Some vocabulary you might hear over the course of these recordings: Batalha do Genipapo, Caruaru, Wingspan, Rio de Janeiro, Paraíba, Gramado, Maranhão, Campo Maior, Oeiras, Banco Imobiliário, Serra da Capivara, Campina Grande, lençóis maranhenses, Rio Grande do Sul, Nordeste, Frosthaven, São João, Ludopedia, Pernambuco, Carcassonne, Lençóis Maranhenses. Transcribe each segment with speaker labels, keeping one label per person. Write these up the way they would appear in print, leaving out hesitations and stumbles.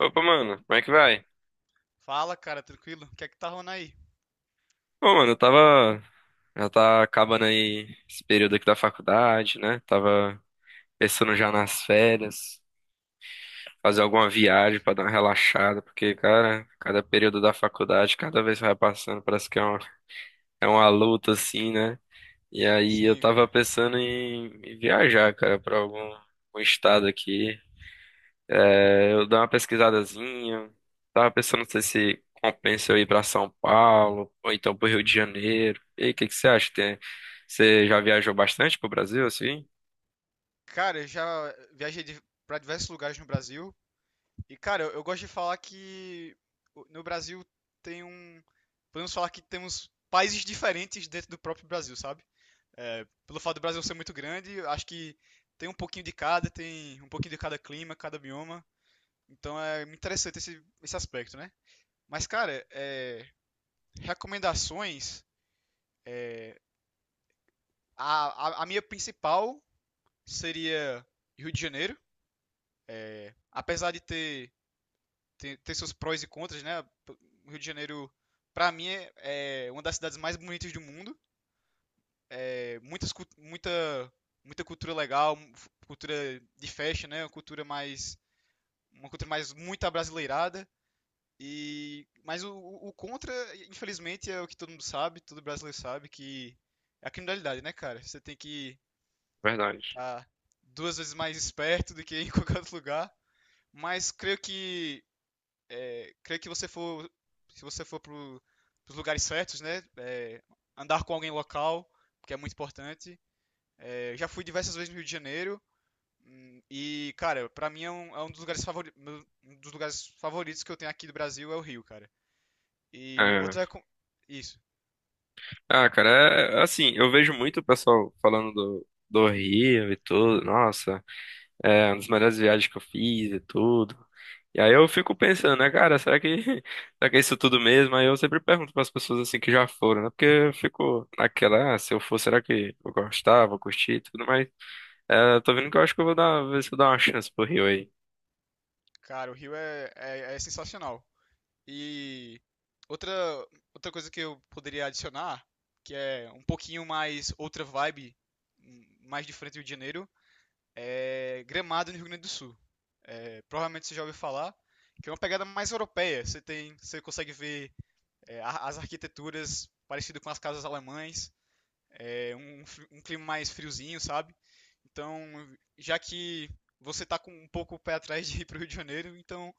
Speaker 1: Opa, mano, como é que vai?
Speaker 2: Fala, cara, tranquilo? O que é que tá rolando aí?
Speaker 1: Bom, mano, eu tava. Já tá acabando aí esse período aqui da faculdade, né? Tava pensando já nas férias, fazer alguma viagem pra dar uma relaxada, porque, cara, cada período da faculdade, cada vez que vai passando, parece que é uma luta, assim, né? E aí eu
Speaker 2: Sim,
Speaker 1: tava
Speaker 2: cara.
Speaker 1: pensando em viajar, cara, pra algum estado aqui. É, eu dou uma pesquisadazinha. Tava pensando, não sei se compensa eu ir pra São Paulo ou então pro Rio de Janeiro. E aí, o que que você acha? Você já viajou bastante pro Brasil, assim?
Speaker 2: Cara, eu já viajei pra diversos lugares no Brasil. E, cara, eu gosto de falar que no Brasil tem um. Podemos falar que temos países diferentes dentro do próprio Brasil, sabe? É, pelo fato do Brasil ser muito grande, eu acho que tem um pouquinho de cada, tem um pouquinho de cada clima, cada bioma. Então é muito interessante esse aspecto, né? Mas, cara, é, recomendações. A, a minha principal seria Rio de Janeiro. Apesar de ter seus prós e contras, né? O Rio de Janeiro, para mim, é uma das cidades mais bonitas do mundo. É, muita, muita cultura legal, cultura de festa, né? Uma cultura mais muito abrasileirada. E, mas o contra, infelizmente, é o que todo mundo sabe, todo brasileiro sabe, que é a criminalidade, né, cara? Você tem que
Speaker 1: Verdade.
Speaker 2: estar tá duas vezes mais esperto do que em qualquer outro lugar. Mas creio que se você for para os lugares certos, né? É, andar com alguém local, que é muito importante. É, já fui diversas vezes no Rio de Janeiro. E, cara, pra mim é é um dos lugares um dos lugares favoritos que eu tenho aqui do Brasil é o Rio, cara. E
Speaker 1: É.
Speaker 2: outra. Isso,
Speaker 1: Ah, cara, é assim, eu vejo muito o pessoal falando do Rio e tudo. Nossa. É uma das melhores viagens que eu fiz e tudo. E aí eu fico pensando, né, cara, será que é isso tudo mesmo? Aí eu sempre pergunto para as pessoas assim que já foram, né? Porque eu fico naquela, ah, se eu for, será que eu gostava, curti e tudo mais? É, eu tô vendo que eu acho que eu vou dar, ver se eu dou uma chance pro Rio aí.
Speaker 2: cara, o Rio é sensacional. E outra, outra coisa que eu poderia adicionar, que é um pouquinho mais outra vibe, mais diferente do Rio de Janeiro, é Gramado, no Rio Grande do Sul. É, provavelmente você já ouviu falar, que é uma pegada mais europeia. Você tem, você consegue ver é, as arquiteturas parecidas com as casas alemães, é, um, um clima mais friozinho, sabe? Então, já que você tá com um pouco o pé atrás de ir pro Rio de Janeiro, então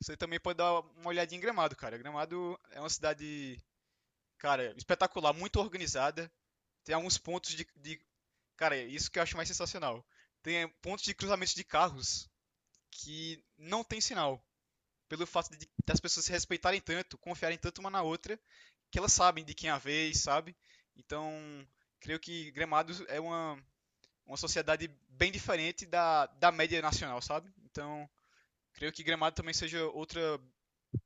Speaker 2: você também pode dar uma olhadinha em Gramado, cara. Gramado é uma cidade, cara, espetacular, muito organizada. Tem alguns pontos cara, isso que eu acho mais sensacional. Tem é, pontos de cruzamento de carros que não tem sinal. Pelo fato de, das pessoas se respeitarem tanto, confiarem tanto uma na outra, que elas sabem de quem é a vez, sabe? Então, creio que Gramado é uma sociedade bem diferente da média nacional, sabe? Então, creio que Gramado também seja outra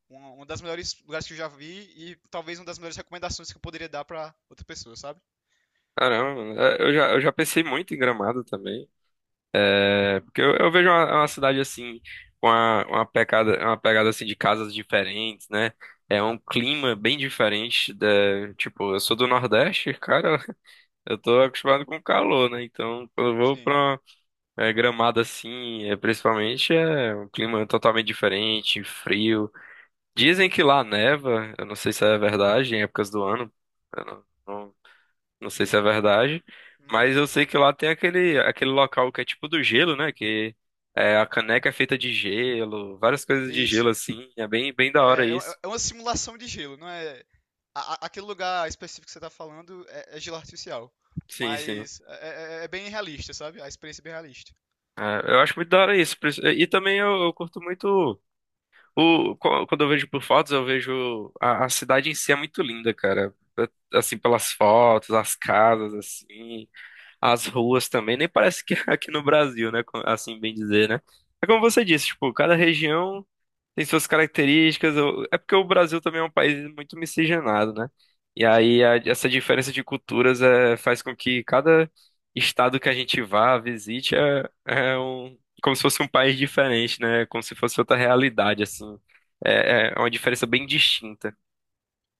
Speaker 2: uma das melhores lugares que eu já vi e talvez uma das melhores recomendações que eu poderia dar para outra pessoa, sabe?
Speaker 1: Caramba, é, eu já pensei muito em Gramado também. É, porque eu vejo uma cidade assim, com uma pegada assim de casas diferentes, né? É um clima bem diferente da, tipo, eu sou do Nordeste, cara. Eu tô acostumado com calor, né? Então, quando eu vou
Speaker 2: Sim.
Speaker 1: pra Gramado assim, principalmente, é um clima totalmente diferente, frio. Dizem que lá neva, eu não sei se é verdade, em épocas do ano, eu não, não, não sei se é verdade, mas
Speaker 2: Hum,
Speaker 1: eu sei que lá tem aquele local que é tipo do gelo, né? Que a caneca é feita de gelo, várias coisas de gelo
Speaker 2: isso.
Speaker 1: assim, é bem, bem da hora isso.
Speaker 2: É uma simulação de gelo, não é. Aquele lugar específico que você tá falando é gelo artificial.
Speaker 1: Sim, sim.
Speaker 2: Mas é, é bem realista, sabe? A experiência é bem realista.
Speaker 1: É, eu acho muito da hora isso. E também eu curto muito. O, quando eu vejo por fotos, eu vejo a cidade em si é muito linda, cara. É, assim, pelas fotos, as casas, assim, as ruas também. Nem parece que é aqui no Brasil, né? Assim, bem dizer, né? É como você disse, tipo, cada região tem suas características. É porque o Brasil também é um país muito miscigenado, né? E
Speaker 2: Sim,
Speaker 1: aí essa diferença de culturas faz com que cada estado que a gente vá, visite, como se fosse um país diferente, né? Como se fosse outra realidade, assim. É uma diferença bem distinta.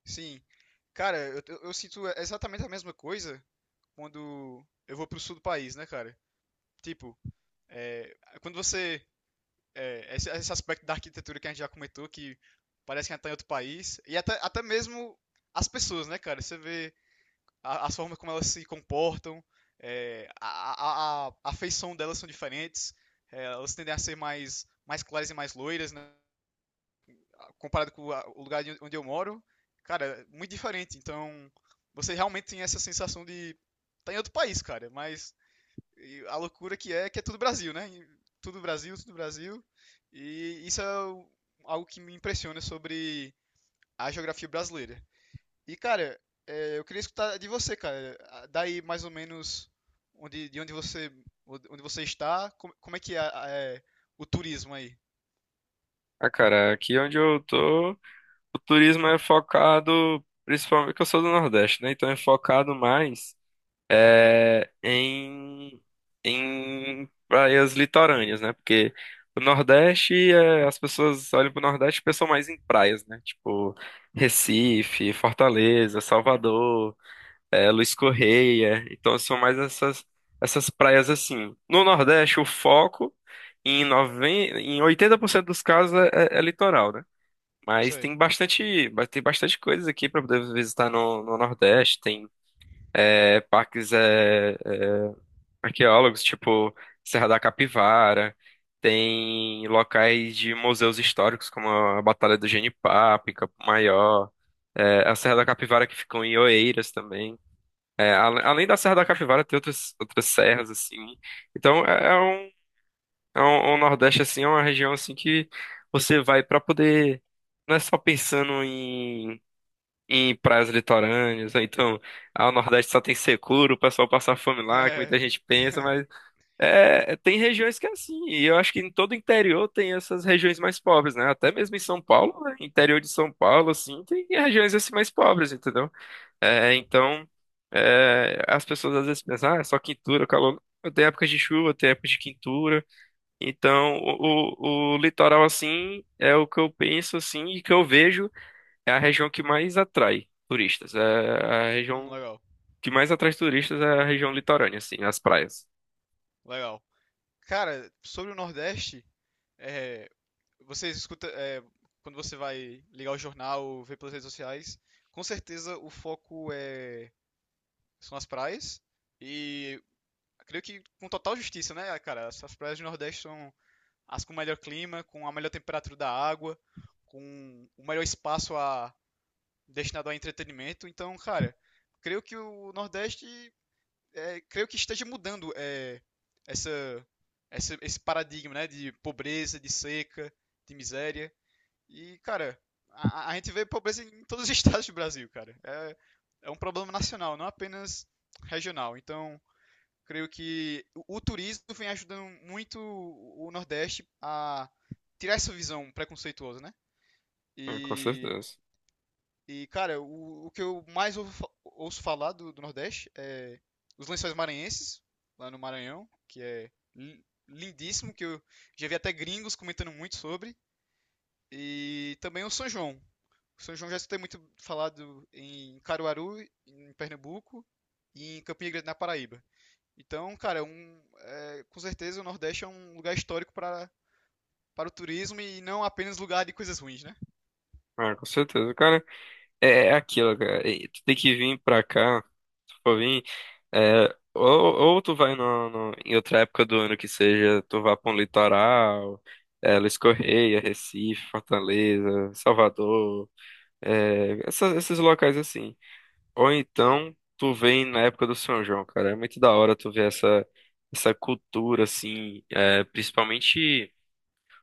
Speaker 2: sim. Cara, eu sinto exatamente a mesma coisa quando eu vou pro sul do país, né, cara? Tipo, é, quando você. É, esse aspecto da arquitetura que a gente já comentou, que parece que a gente tá em outro país, e até mesmo as pessoas, né, cara? Você vê as formas como elas se comportam, é, a feição delas são diferentes, é, elas tendem a ser mais claras e mais loiras, né? Comparado com a, o lugar onde eu moro, cara, muito diferente. Então, você realmente tem essa sensação de tá em outro país, cara, mas e a loucura que é tudo Brasil, né? E tudo Brasil, tudo Brasil. E isso é algo que me impressiona sobre a geografia brasileira. E, cara, é, eu queria escutar de você, cara. Ah, daí mais ou menos de onde você está, como é que é, é o turismo aí?
Speaker 1: Ah, cara, aqui onde eu tô, o turismo é focado, principalmente que eu sou do Nordeste, né? Então é focado mais. é, em, em praias litorâneas, né? Porque o Nordeste, as pessoas olham pro Nordeste e pensam mais em praias, né? Tipo Recife, Fortaleza, Salvador, Luiz Correia. Então são mais essas praias assim. No Nordeste, o foco 90 em 80% dos casos é litoral, né? Mas
Speaker 2: Sei.
Speaker 1: tem bastante coisas aqui para poder visitar no Nordeste. Tem parques arqueólogos, tipo Serra da Capivara, tem locais de museus históricos, como a Batalha do Genipapo, em Campo Maior, a Serra da
Speaker 2: Hum.
Speaker 1: Capivara que ficou em Oeiras também. É, além da Serra da Capivara, tem outras serras, assim. Então, é um Nordeste, assim, é uma região, assim, que você vai para poder... Não é só pensando em praias litorâneas, ou então, ah, o Nordeste só tem secura, o pessoal passa fome lá, que
Speaker 2: É.
Speaker 1: muita gente pensa, mas tem regiões que é assim, e eu acho que em todo o interior tem essas regiões mais pobres, né? Até mesmo em São Paulo, né? Interior de São Paulo, assim, tem regiões assim mais pobres, entendeu? É, então, as pessoas às vezes pensam, ah, é só quintura, calor. Tem épocas de chuva, tem épocas de quintura. Então, o litoral, assim, é o que eu penso, assim, e que eu vejo é a região que mais atrai turistas. É a região
Speaker 2: Legal,
Speaker 1: que mais atrai turistas é a região litorânea, assim, as praias.
Speaker 2: legal. Cara, sobre o Nordeste, é, você escuta, é, quando você vai ligar o jornal, ver pelas redes sociais, com certeza o foco é, são as praias. E creio que com total justiça, né, cara? As as praias do Nordeste são as com melhor clima, com a melhor temperatura da água, com o melhor espaço a, destinado a entretenimento. Então, cara, creio que o Nordeste, é, creio que esteja mudando é, essa, esse paradigma, né, de pobreza, de seca, de miséria. E, cara, a gente vê pobreza em todos os estados do Brasil, cara. É, é um problema nacional, não apenas regional. Então, creio que o turismo vem ajudando muito o Nordeste a tirar essa visão preconceituosa, né?
Speaker 1: É, com
Speaker 2: E,
Speaker 1: certeza.
Speaker 2: e cara, o que eu mais ouço falar do Nordeste é os lençóis maranhenses, lá no Maranhão, que é lindíssimo, que eu já vi até gringos comentando muito sobre, e também o São João. O São João já escutei muito falado em Caruaru, em Pernambuco, e em Campina Grande, na Paraíba. Então, cara, é um, é, com certeza o Nordeste é um lugar histórico para, para o turismo e não apenas lugar de coisas ruins, né?
Speaker 1: Ah, com certeza, cara. É aquilo, cara. E tu tem que vir pra cá. Se tu for vir, é, ou tu vai em outra época do ano que seja, tu vá pra um litoral, Luiz Correia, Recife, Fortaleza, Salvador, esses locais assim. Ou
Speaker 2: Sei.
Speaker 1: então tu vem na época do São João, cara. É muito da hora tu ver essa cultura, assim, principalmente.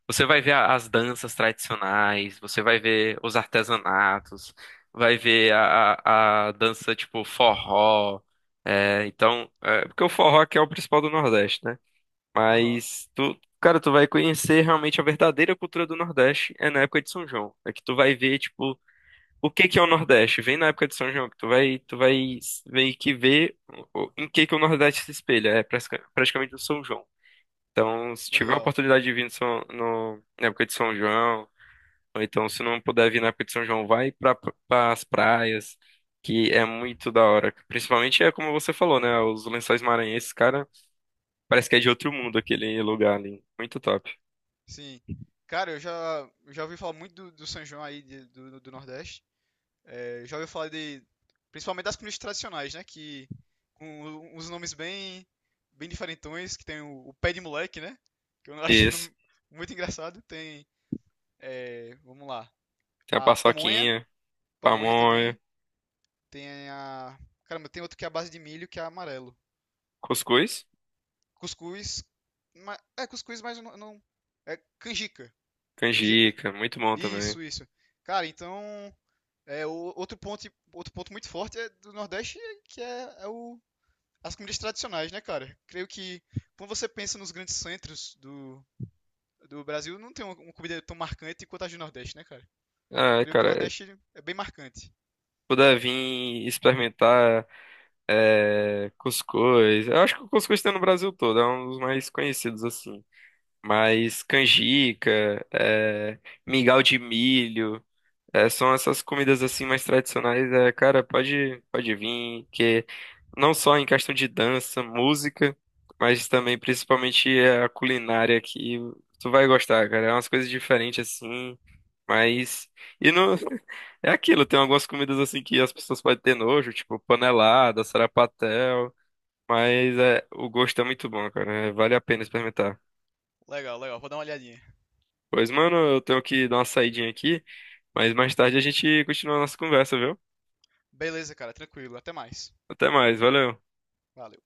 Speaker 1: Você vai ver as danças tradicionais, você vai ver os artesanatos, vai ver a dança tipo forró. É, então, porque o forró aqui é o principal do Nordeste, né?
Speaker 2: Aham,
Speaker 1: Mas tu, cara, tu vai conhecer realmente a verdadeira cultura do Nordeste é na época de São João. É que tu vai ver, tipo, o que que é o Nordeste? Vem na época de São João, que tu vai meio que ver em que o Nordeste se espelha. É praticamente o São João. Então, se tiver a
Speaker 2: legal.
Speaker 1: oportunidade de vir na época de São João, ou então se não puder vir na época de São João, vai para as praias, que é muito da hora. Principalmente é como você falou, né? Os Lençóis Maranhenses, cara, parece que é de outro mundo aquele lugar ali. Muito top.
Speaker 2: Sim. Cara, eu já ouvi falar muito do São João aí do, do Nordeste. É, já ouvi falar de, principalmente das comidas tradicionais, né? Que com os nomes bem, bem diferentões, que tem o pé de moleque, né? Que eu acho
Speaker 1: Isso.
Speaker 2: nome muito engraçado. Tem, é, vamos lá,
Speaker 1: Tem a
Speaker 2: a pamonha,
Speaker 1: paçoquinha,
Speaker 2: pamonha
Speaker 1: pamonha,
Speaker 2: também. Tem a. Caramba, tem outro que é a base de milho, que é amarelo.
Speaker 1: cuscuz,
Speaker 2: Cuscuz. É cuscuz, mas eu não. É canjica. Canjica?
Speaker 1: canjica, muito bom também.
Speaker 2: Isso, isso. Cara, então. É, o outro ponto muito forte é do Nordeste, é que é o, as comidas tradicionais, né, cara? Creio que quando você pensa nos grandes centros do Brasil, não tem uma comida tão marcante quanto as do Nordeste, né, cara?
Speaker 1: Ah,
Speaker 2: Creio que o
Speaker 1: cara,
Speaker 2: Nordeste é bem marcante.
Speaker 1: puder vir experimentar cuscuz. Eu acho que o cuscuz tem no Brasil todo, é um dos mais conhecidos assim. Mas canjica, mingau de milho, são essas comidas assim mais tradicionais. É, cara, pode vir, que não só em questão de dança, música, mas também principalmente a culinária aqui tu vai gostar, cara. É umas coisas diferentes assim, mas e não é aquilo. Tem algumas comidas assim que as pessoas podem ter nojo, tipo panelada, sarapatel, mas o gosto é muito bom, cara. É, vale a pena experimentar.
Speaker 2: Legal, legal, vou dar uma olhadinha.
Speaker 1: Pois, mano, eu tenho que dar uma saidinha aqui, mas mais tarde a gente continua a nossa conversa, viu?
Speaker 2: Beleza, cara, tranquilo, até mais.
Speaker 1: Até mais, valeu.
Speaker 2: Valeu.